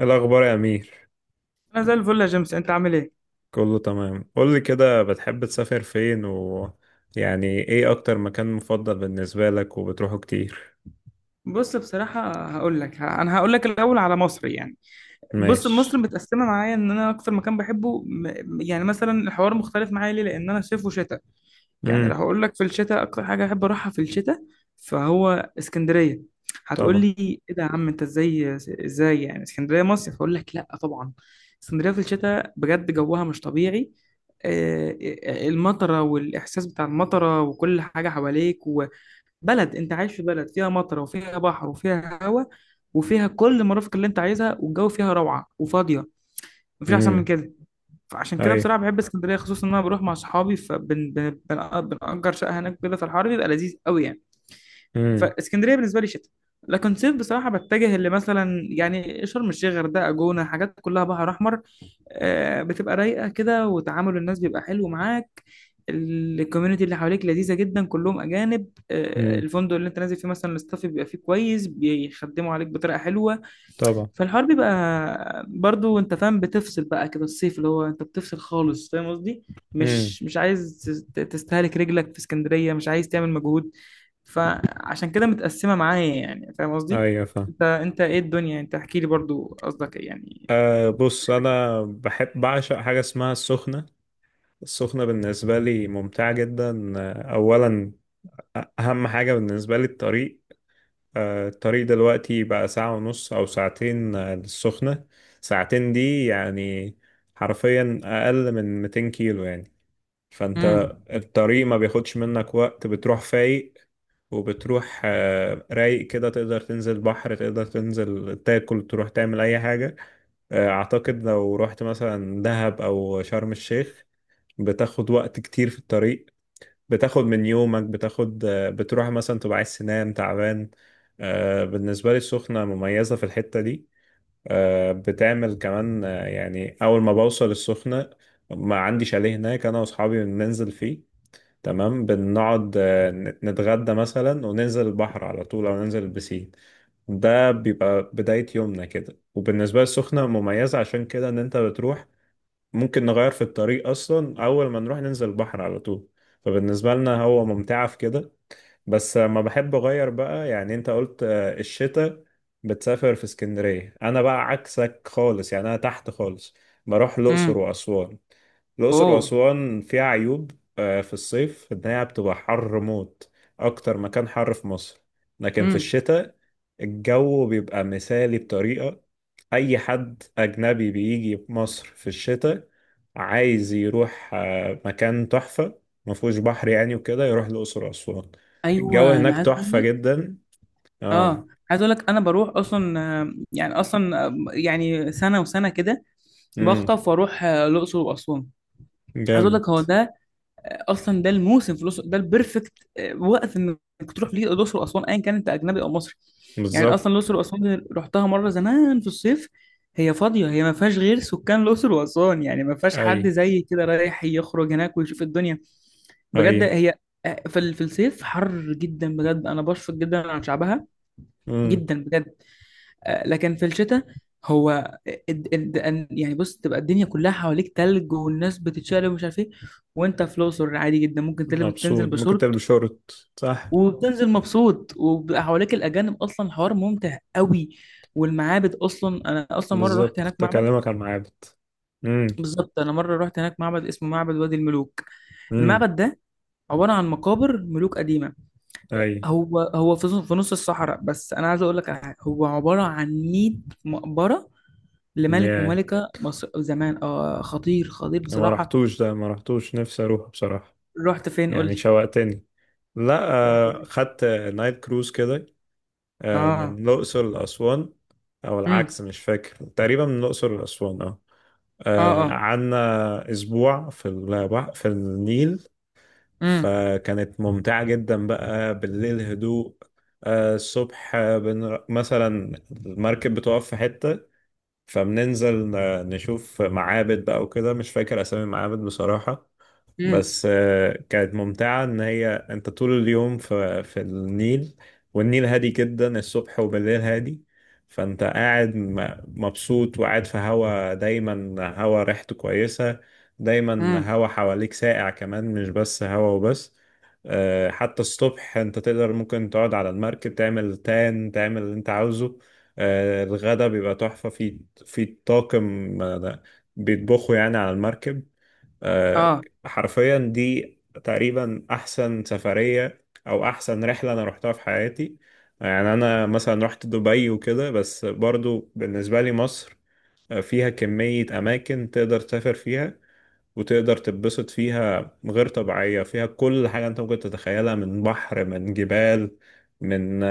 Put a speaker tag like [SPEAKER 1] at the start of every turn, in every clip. [SPEAKER 1] الأخبار يا أمير.
[SPEAKER 2] انا زي الفل يا جيمس، انت عامل ايه؟
[SPEAKER 1] كله تمام. قولي كده، بتحب تسافر فين يعني إيه أكتر مكان مفضل بالنسبة لك وبتروحه كتير؟
[SPEAKER 2] بص، بصراحه هقول لك، انا هقول لك الاول على مصر يعني. بص، مصر
[SPEAKER 1] ماشي.
[SPEAKER 2] متقسمه معايا. ان انا اكتر مكان بحبه، يعني مثلا الحوار مختلف معايا. ليه؟ لان انا صيف وشتاء. يعني لو
[SPEAKER 1] امم.
[SPEAKER 2] هقول لك في الشتاء اكتر حاجه احب اروحها في الشتاء فهو اسكندريه. هتقول
[SPEAKER 1] طبعا.
[SPEAKER 2] لي ايه ده يا عم انت؟ ازاي؟ ازاي يعني اسكندريه مصيف؟ هقول لك لا طبعا. اسكندريه في الشتاء بجد جوها مش طبيعي. آه، المطره والاحساس بتاع المطره وكل حاجه حواليك. بلد، انت عايش في بلد فيها مطر وفيها بحر وفيها هواء وفيها كل المرافق اللي انت عايزها، والجو فيها روعة وفاضية. مفيش احسن من
[SPEAKER 1] امم.
[SPEAKER 2] كده. فعشان كده
[SPEAKER 1] أي.
[SPEAKER 2] بصراحة بحب اسكندرية، خصوصا ان انا بروح مع اصحابي فبنأجر شقة هناك كده، في الحر بيبقى لذيذ قوي يعني.
[SPEAKER 1] امم.
[SPEAKER 2] فاسكندريه بالنسبه لي شتاء. لكن صيف بصراحه بتجه اللي مثلا يعني شرم الشيخ، غردقه، جونه، حاجات كلها بحر احمر. آه، بتبقى رايقه كده، وتعامل الناس بيبقى حلو معاك. الكوميونتي اللي حواليك لذيذه جدا، كلهم اجانب. آه،
[SPEAKER 1] امم.
[SPEAKER 2] الفندق اللي انت نازل فيه مثلا الاستاف بيبقى فيه كويس، بيخدموا عليك بطريقه حلوه.
[SPEAKER 1] طبعا.
[SPEAKER 2] فالحوار بيبقى برضو انت فاهم بتفصل بقى كده، الصيف اللي هو انت بتفصل خالص، فاهم قصدي؟
[SPEAKER 1] امم.
[SPEAKER 2] مش عايز تستهلك رجلك في اسكندريه، مش عايز تعمل مجهود. فعشان كده متقسمة معايا، يعني فاهم قصدي؟
[SPEAKER 1] أيوة، فاهم.
[SPEAKER 2] انت ايه الدنيا انت، احكي لي برضو قصدك ايه يعني.
[SPEAKER 1] أه، بص، أنا بحب، بعشق حاجة اسمها السخنة. السخنة بالنسبة لي ممتعة جدا. أولا أهم حاجة بالنسبة لي الطريق. الطريق دلوقتي بقى ساعة ونص أو ساعتين للسخنة. ساعتين دي يعني حرفيا أقل من 200 كيلو يعني. فأنت
[SPEAKER 2] امم.
[SPEAKER 1] الطريق ما بياخدش منك وقت، بتروح فايق وبتروح رايق كده، تقدر تنزل بحر، تقدر تنزل تاكل، تروح تعمل أي حاجة. أعتقد لو رحت مثلا دهب أو شرم الشيخ بتاخد وقت كتير في الطريق، بتاخد من يومك، بتاخد بتروح مثلا تبقى عايز تنام تعبان. بالنسبة لي السخنة مميزة في الحتة دي. بتعمل كمان يعني أول ما بوصل السخنة ما عندي شاليه هناك أنا وأصحابي بننزل فيه تمام. بنقعد نتغدى مثلا وننزل البحر على طول أو ننزل البسين. ده بيبقى بداية يومنا كده. وبالنسبة للسخنة مميزة عشان كده إن أنت بتروح ممكن نغير في الطريق، اصلا اول ما نروح ننزل البحر على طول. فبالنسبه لنا هو ممتعه في كده. بس ما بحب اغير بقى. يعني انت قلت الشتاء بتسافر في اسكندرية، انا بقى عكسك خالص، يعني انا تحت خالص، بروح الاقصر
[SPEAKER 2] امم.
[SPEAKER 1] واسوان. الاقصر
[SPEAKER 2] اوه.
[SPEAKER 1] واسوان فيها عيوب في الصيف، ان هي بتبقى حر موت، اكتر مكان حر في مصر. لكن في
[SPEAKER 2] امم.
[SPEAKER 1] الشتاء الجو بيبقى مثالي بطريقة. اي حد اجنبي بيجي مصر في الشتاء عايز يروح مكان تحفة مفهوش بحر يعني وكده يروح الأقصر وأسوان. الجو
[SPEAKER 2] ايوه، انا
[SPEAKER 1] هناك
[SPEAKER 2] عايز اقول
[SPEAKER 1] تحفة
[SPEAKER 2] لك.
[SPEAKER 1] جدا. اه.
[SPEAKER 2] اه، عايز اقول لك انا بروح اصلا، آه، يعني اصلا، آه، يعني سنه وسنه كده
[SPEAKER 1] امم.
[SPEAKER 2] بخطف واروح، آه، الاقصر واسوان. عايز اقول
[SPEAKER 1] جامد.
[SPEAKER 2] لك هو ده، اصلا ده الموسم في الاقصر، ده البرفكت وقت انك تروح ليه الاقصر واسوان، ايا كان انت اجنبي او مصري. يعني
[SPEAKER 1] بالظبط.
[SPEAKER 2] اصلا الاقصر واسوان رحتها مره زمان في الصيف. هي فاضيه، هي ما فيهاش غير سكان الاقصر واسوان، يعني ما فيهاش
[SPEAKER 1] اي.
[SPEAKER 2] حد زي كده رايح يخرج هناك ويشوف الدنيا.
[SPEAKER 1] اي.
[SPEAKER 2] بجد هي، آه، في الصيف حر جدا بجد، انا بشفق جدا عن شعبها،
[SPEAKER 1] امم.
[SPEAKER 2] جدا بجد. آه، لكن في الشتاء، هو يعني بص، تبقى الدنيا كلها حواليك تلج، والناس بتتشقلب ومش عارف ايه، وانت في الاقصر عادي جدا، ممكن تلبس تنزل
[SPEAKER 1] مبسوط ممكن تلبس
[SPEAKER 2] بشورت
[SPEAKER 1] شورت، صح.
[SPEAKER 2] وبتنزل مبسوط، وبيبقى حواليك الاجانب، اصلا الحوار ممتع قوي. والمعابد، اصلا انا اصلا مره رحت
[SPEAKER 1] بالظبط
[SPEAKER 2] هناك
[SPEAKER 1] كنت
[SPEAKER 2] معبد.
[SPEAKER 1] اكلمك عن معابد. امم.
[SPEAKER 2] بالظبط، انا مره رحت هناك معبد اسمه معبد وادي الملوك.
[SPEAKER 1] امم.
[SPEAKER 2] المعبد ده عباره عن مقابر ملوك قديمه.
[SPEAKER 1] اي.
[SPEAKER 2] هو في نص الصحراء، بس انا عايز اقول لك على حاجه، هو عباره عن 100 مقبره لملك
[SPEAKER 1] يعني
[SPEAKER 2] وملكة مصر زمان. اه، خطير خطير
[SPEAKER 1] ما
[SPEAKER 2] بصراحة.
[SPEAKER 1] رحتوش ده، ما رحتوش، نفسي اروح بصراحة.
[SPEAKER 2] رحت فين؟ قول
[SPEAKER 1] يعني
[SPEAKER 2] لي.
[SPEAKER 1] شوقتني. لا،
[SPEAKER 2] رحت فين؟
[SPEAKER 1] خدت نايت كروز كده من
[SPEAKER 2] اه.
[SPEAKER 1] الأقصر لأسوان. أو
[SPEAKER 2] امم.
[SPEAKER 1] العكس، مش فاكر، تقريبا من الأقصر لأسوان اه.
[SPEAKER 2] اه. اه.
[SPEAKER 1] قعدنا أسبوع في البحر في النيل.
[SPEAKER 2] امم.
[SPEAKER 1] فكانت ممتعة جدا بقى. بالليل هدوء. الصبح مثلا المركب بتقف في حتة فبننزل نشوف معابد بقى وكده. مش فاكر أسامي المعابد بصراحة.
[SPEAKER 2] امم.
[SPEAKER 1] بس كانت ممتعة إن هي أنت طول اليوم في النيل. والنيل هادي جدا الصبح وبالليل هادي. فأنت قاعد مبسوط وقاعد في هوا، دايما هوا ريحته كويسة، دايما
[SPEAKER 2] امم.
[SPEAKER 1] هوا حواليك ساقع، كمان مش بس هوا وبس. حتى الصبح أنت تقدر، ممكن تقعد على المركب، تعمل تان، تعمل اللي أنت عاوزه. الغدا بيبقى تحفة في في طاقم بيطبخوا يعني على المركب. آه،
[SPEAKER 2] اه.
[SPEAKER 1] حرفيا دي تقريبا احسن سفرية او احسن رحلة انا روحتها في حياتي. يعني انا مثلا رحت دبي وكده، بس برضو بالنسبة لي مصر فيها كمية اماكن تقدر تسافر فيها وتقدر تتبسط فيها غير طبيعية. فيها كل حاجة انت ممكن تتخيلها، من بحر، من جبال، من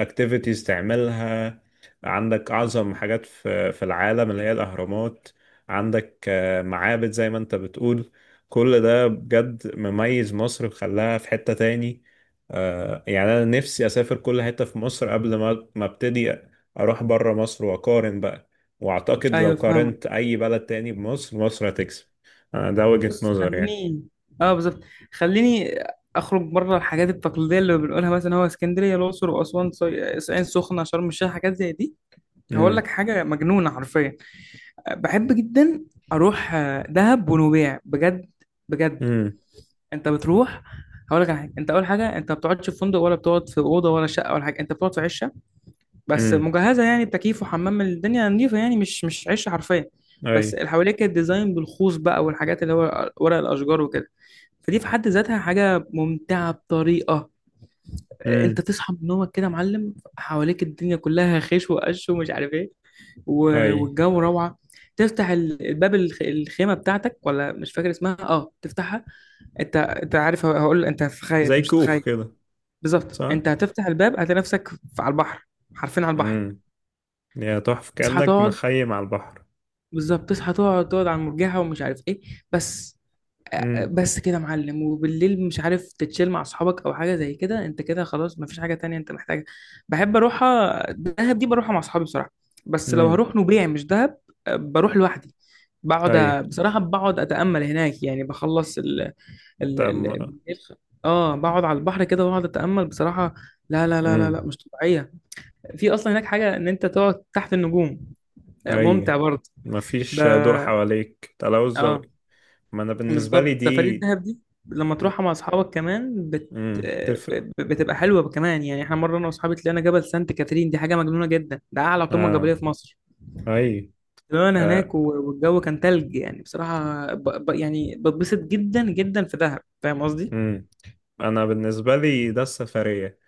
[SPEAKER 1] اكتيفيتيز تعملها. عندك اعظم حاجات في العالم اللي هي الاهرامات. عندك معابد زي ما انت بتقول. كل ده بجد مميز مصر وخلاها في حتة تاني. يعني انا نفسي اسافر كل حتة في مصر قبل ما ابتدي اروح بره مصر واقارن بقى. واعتقد لو
[SPEAKER 2] ايوه فاهمة.
[SPEAKER 1] قارنت اي بلد تاني بمصر، مصر هتكسب. ده وجهة
[SPEAKER 2] بص،
[SPEAKER 1] نظر يعني.
[SPEAKER 2] خليني، اه بالظبط، خليني اخرج بره الحاجات التقليدية اللي بنقولها مثلا، هو اسكندرية، الأقصر وأسوان، العين سخنة، شرم الشيخ، حاجات زي دي. هقول
[SPEAKER 1] امم.
[SPEAKER 2] لك حاجة مجنونة حرفيا. بحب جدا اروح، آه، دهب ونويبع، بجد بجد.
[SPEAKER 1] امم.
[SPEAKER 2] انت بتروح، هقول لك على حاجه، انت اول حاجه انت ما بتقعدش في فندق، ولا بتقعد في اوضه ولا شقه ولا حاجه، انت بتقعد في عشه. بس
[SPEAKER 1] امم.
[SPEAKER 2] مجهزه يعني بتكييف وحمام، الدنيا نظيفه، يعني مش عشه حرفيا.
[SPEAKER 1] اي.
[SPEAKER 2] بس اللي حواليك كانت ديزاين بالخوص بقى، والحاجات اللي هو ورق الاشجار وكده. فدي في حد ذاتها حاجه ممتعه بطريقه. انت
[SPEAKER 1] امم.
[SPEAKER 2] تصحى من نومك كده يا معلم، حواليك الدنيا كلها خيش وقش ومش عارف ايه.
[SPEAKER 1] اي.
[SPEAKER 2] والجو روعه. تفتح الباب، الخيمه بتاعتك، ولا مش فاكر اسمها، اه، تفتحها. انت عارف هقول، انت هتتخيل، انت
[SPEAKER 1] زي
[SPEAKER 2] مش هتتخيل.
[SPEAKER 1] كوخ كده.
[SPEAKER 2] بالظبط،
[SPEAKER 1] صح.
[SPEAKER 2] انت هتفتح الباب هتلاقي نفسك على البحر. حرفيا على البحر.
[SPEAKER 1] امم. يا تحفة،
[SPEAKER 2] تصحى
[SPEAKER 1] كأنك
[SPEAKER 2] تقعد،
[SPEAKER 1] مخيم على البحر.
[SPEAKER 2] بالظبط، تصحى تقعد، تقعد على المرجحه ومش عارف ايه. بس آه،
[SPEAKER 1] امم.
[SPEAKER 2] بس كده يا معلم. وبالليل مش عارف تتشيل مع اصحابك او حاجه زي كده، انت كده خلاص مفيش حاجه تانية انت محتاجها. بحب اروحها دهب، دي بروحها مع اصحابي بصراحه. بس لو
[SPEAKER 1] امم.
[SPEAKER 2] هروح نوبيع مش دهب، آه، بروح لوحدي. بقعد،
[SPEAKER 1] اي.
[SPEAKER 2] بصراحه بقعد اتامل هناك، يعني بخلص ال
[SPEAKER 1] طب
[SPEAKER 2] ال الخ- اه بقعد على البحر كده واقعد اتامل بصراحه. لا لا لا لا لا،
[SPEAKER 1] امم.
[SPEAKER 2] مش طبيعيه. في اصلا هناك حاجه ان انت تقعد تحت النجوم. آه،
[SPEAKER 1] اي.
[SPEAKER 2] ممتع برضه. ده،
[SPEAKER 1] مفيش ضوء حواليك، تلوث
[SPEAKER 2] اه،
[SPEAKER 1] ضوئي. ما انا بالنسبة لي
[SPEAKER 2] بالظبط، سفريه
[SPEAKER 1] دي.
[SPEAKER 2] الدهب دي لما تروحها مع اصحابك كمان
[SPEAKER 1] امم،
[SPEAKER 2] آه،
[SPEAKER 1] تفرق.
[SPEAKER 2] بتبقى حلوه كمان يعني. احنا مره انا واصحابي طلعنا جبل سانت كاترين، دي حاجه مجنونه جدا، ده اعلى قمه جبليه
[SPEAKER 1] اه.
[SPEAKER 2] في مصر.
[SPEAKER 1] اي.
[SPEAKER 2] طلعنا
[SPEAKER 1] آه.
[SPEAKER 2] هناك والجو كان تلج، يعني بصراحه يعني بتبسط جدا جدا في دهب، فاهم قصدي؟
[SPEAKER 1] امم. انا بالنسبة لي ده السفرية،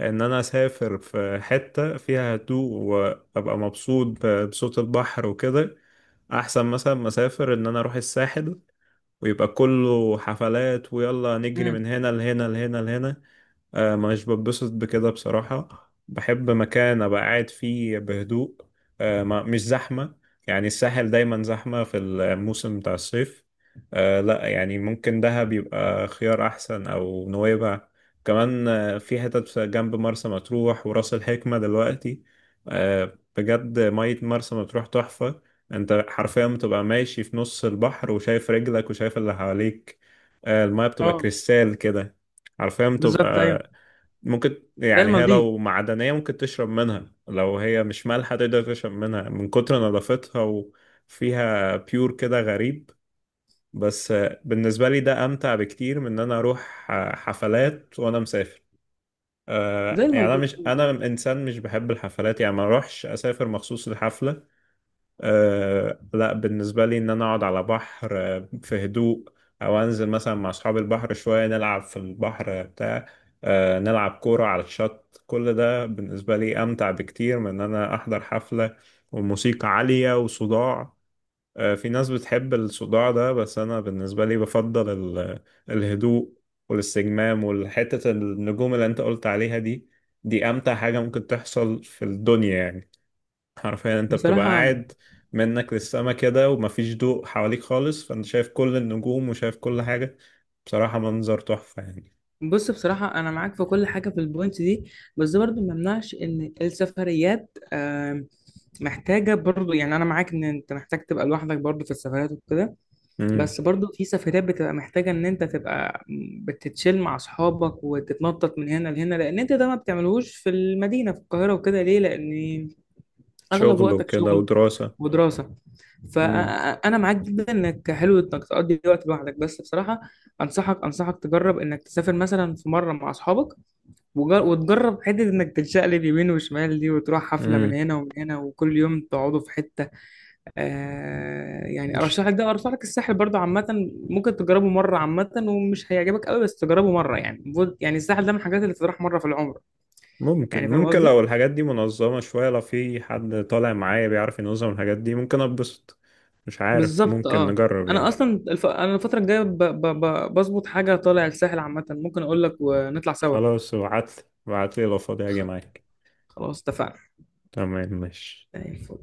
[SPEAKER 1] ان انا اسافر في حتة فيها هدوء وابقى مبسوط بصوت البحر وكده. احسن مثلا ما اسافر ان انا اروح الساحل ويبقى كله حفلات ويلا نجري
[SPEAKER 2] امم.
[SPEAKER 1] من هنا لهنا لهنا لهنا. مش بتبسط بكده بصراحة. بحب مكان أبقى قاعد فيه بهدوء، مش زحمة. يعني الساحل دايما زحمة في الموسم بتاع الصيف. لا، يعني ممكن دهب يبقى خيار أحسن أو نويبع. كمان في حتت جنب مرسى مطروح وراس الحكمة دلوقتي. بجد مية مرسى مطروح تحفة. انت حرفيا بتبقى ماشي في نص البحر وشايف رجلك وشايف اللي حواليك. المية بتبقى
[SPEAKER 2] اه
[SPEAKER 1] كريستال كده، عارفين، تبقى
[SPEAKER 2] بالظبط. ايوه
[SPEAKER 1] ممكن،
[SPEAKER 2] ده
[SPEAKER 1] يعني هي
[SPEAKER 2] المالديف،
[SPEAKER 1] لو معدنية ممكن تشرب منها، لو هي مش مالحة تقدر تشرب منها من كتر نظافتها. وفيها بيور كده غريب. بس بالنسبة لي ده أمتع بكتير من إن أنا أروح حفلات وأنا مسافر.
[SPEAKER 2] زي
[SPEAKER 1] يعني
[SPEAKER 2] المالديف بالظبط.
[SPEAKER 1] أنا إنسان مش بحب الحفلات يعني. ما أروحش أسافر مخصوص لحفلة. أه لا، بالنسبة لي إن أنا أقعد على بحر في هدوء أو أنزل مثلا مع أصحاب البحر شوية نلعب في البحر بتاع. أه نلعب كورة على الشط. كل ده بالنسبة لي أمتع بكتير من إن أنا أحضر حفلة وموسيقى عالية وصداع. أه في ناس بتحب الصداع ده، بس أنا بالنسبة لي بفضل الهدوء والاستجمام والحتة النجوم اللي أنت قلت عليها دي. دي أمتع حاجة ممكن تحصل في الدنيا يعني. حرفيا انت بتبقى
[SPEAKER 2] بصراحة،
[SPEAKER 1] قاعد منك للسما كده ومفيش ضوء حواليك خالص، فانت شايف كل النجوم وشايف كل حاجة. بصراحة منظر تحفة يعني.
[SPEAKER 2] بص بصراحة أنا معاك في كل حاجة في البوينت دي. بس ده برضو ما يمنعش إن السفريات محتاجة برضو، يعني أنا معاك إن أنت محتاج تبقى لوحدك برضو في السفريات وكده.
[SPEAKER 1] امم.
[SPEAKER 2] بس برضو في سفريات بتبقى محتاجة إن أنت تبقى بتتشيل مع أصحابك وتتنطط من هنا لهنا، لأن أنت ده ما بتعملوش في المدينة في القاهرة وكده. ليه؟ لأن أغلب
[SPEAKER 1] شغل
[SPEAKER 2] وقتك
[SPEAKER 1] وكده
[SPEAKER 2] شغل
[SPEAKER 1] ودراسة.
[SPEAKER 2] ودراسة.
[SPEAKER 1] امم.
[SPEAKER 2] فأنا معاك جدا إنك حلو إنك تقضي وقت لوحدك، بس بصراحة أنصحك تجرب إنك تسافر مثلا في مرة مع أصحابك، وتجرب حتة إنك تتشقلب يمين وشمال دي، وتروح حفلة من
[SPEAKER 1] امم.
[SPEAKER 2] هنا ومن هنا، وكل يوم تقعدوا في حتة. آه يعني
[SPEAKER 1] مش-
[SPEAKER 2] أرشح لك الساحل برضه عامة. ممكن تجربه مرة عامة، ومش هيعجبك قوي بس تجربه مرة، يعني يعني الساحل ده من الحاجات اللي تروح مرة في العمر، يعني
[SPEAKER 1] ممكن،
[SPEAKER 2] فاهم
[SPEAKER 1] ممكن
[SPEAKER 2] قصدي؟
[SPEAKER 1] لو الحاجات دي منظمة شوية، لو في حد طالع معايا بيعرف ينظم الحاجات دي ممكن اتبسط. مش عارف،
[SPEAKER 2] بالظبط
[SPEAKER 1] ممكن
[SPEAKER 2] اه.
[SPEAKER 1] نجرب
[SPEAKER 2] انا
[SPEAKER 1] يعني.
[SPEAKER 2] اصلا انا الفتره الجايه بظبط حاجه طالع الساحل عامه، ممكن اقول لك ونطلع سوا.
[SPEAKER 1] خلاص ابعتلي، ابعتلي، لو فاضي هاجي
[SPEAKER 2] خ...
[SPEAKER 1] معاك.
[SPEAKER 2] خلاص اتفقنا.
[SPEAKER 1] تمام، ماشي.
[SPEAKER 2] زي الفل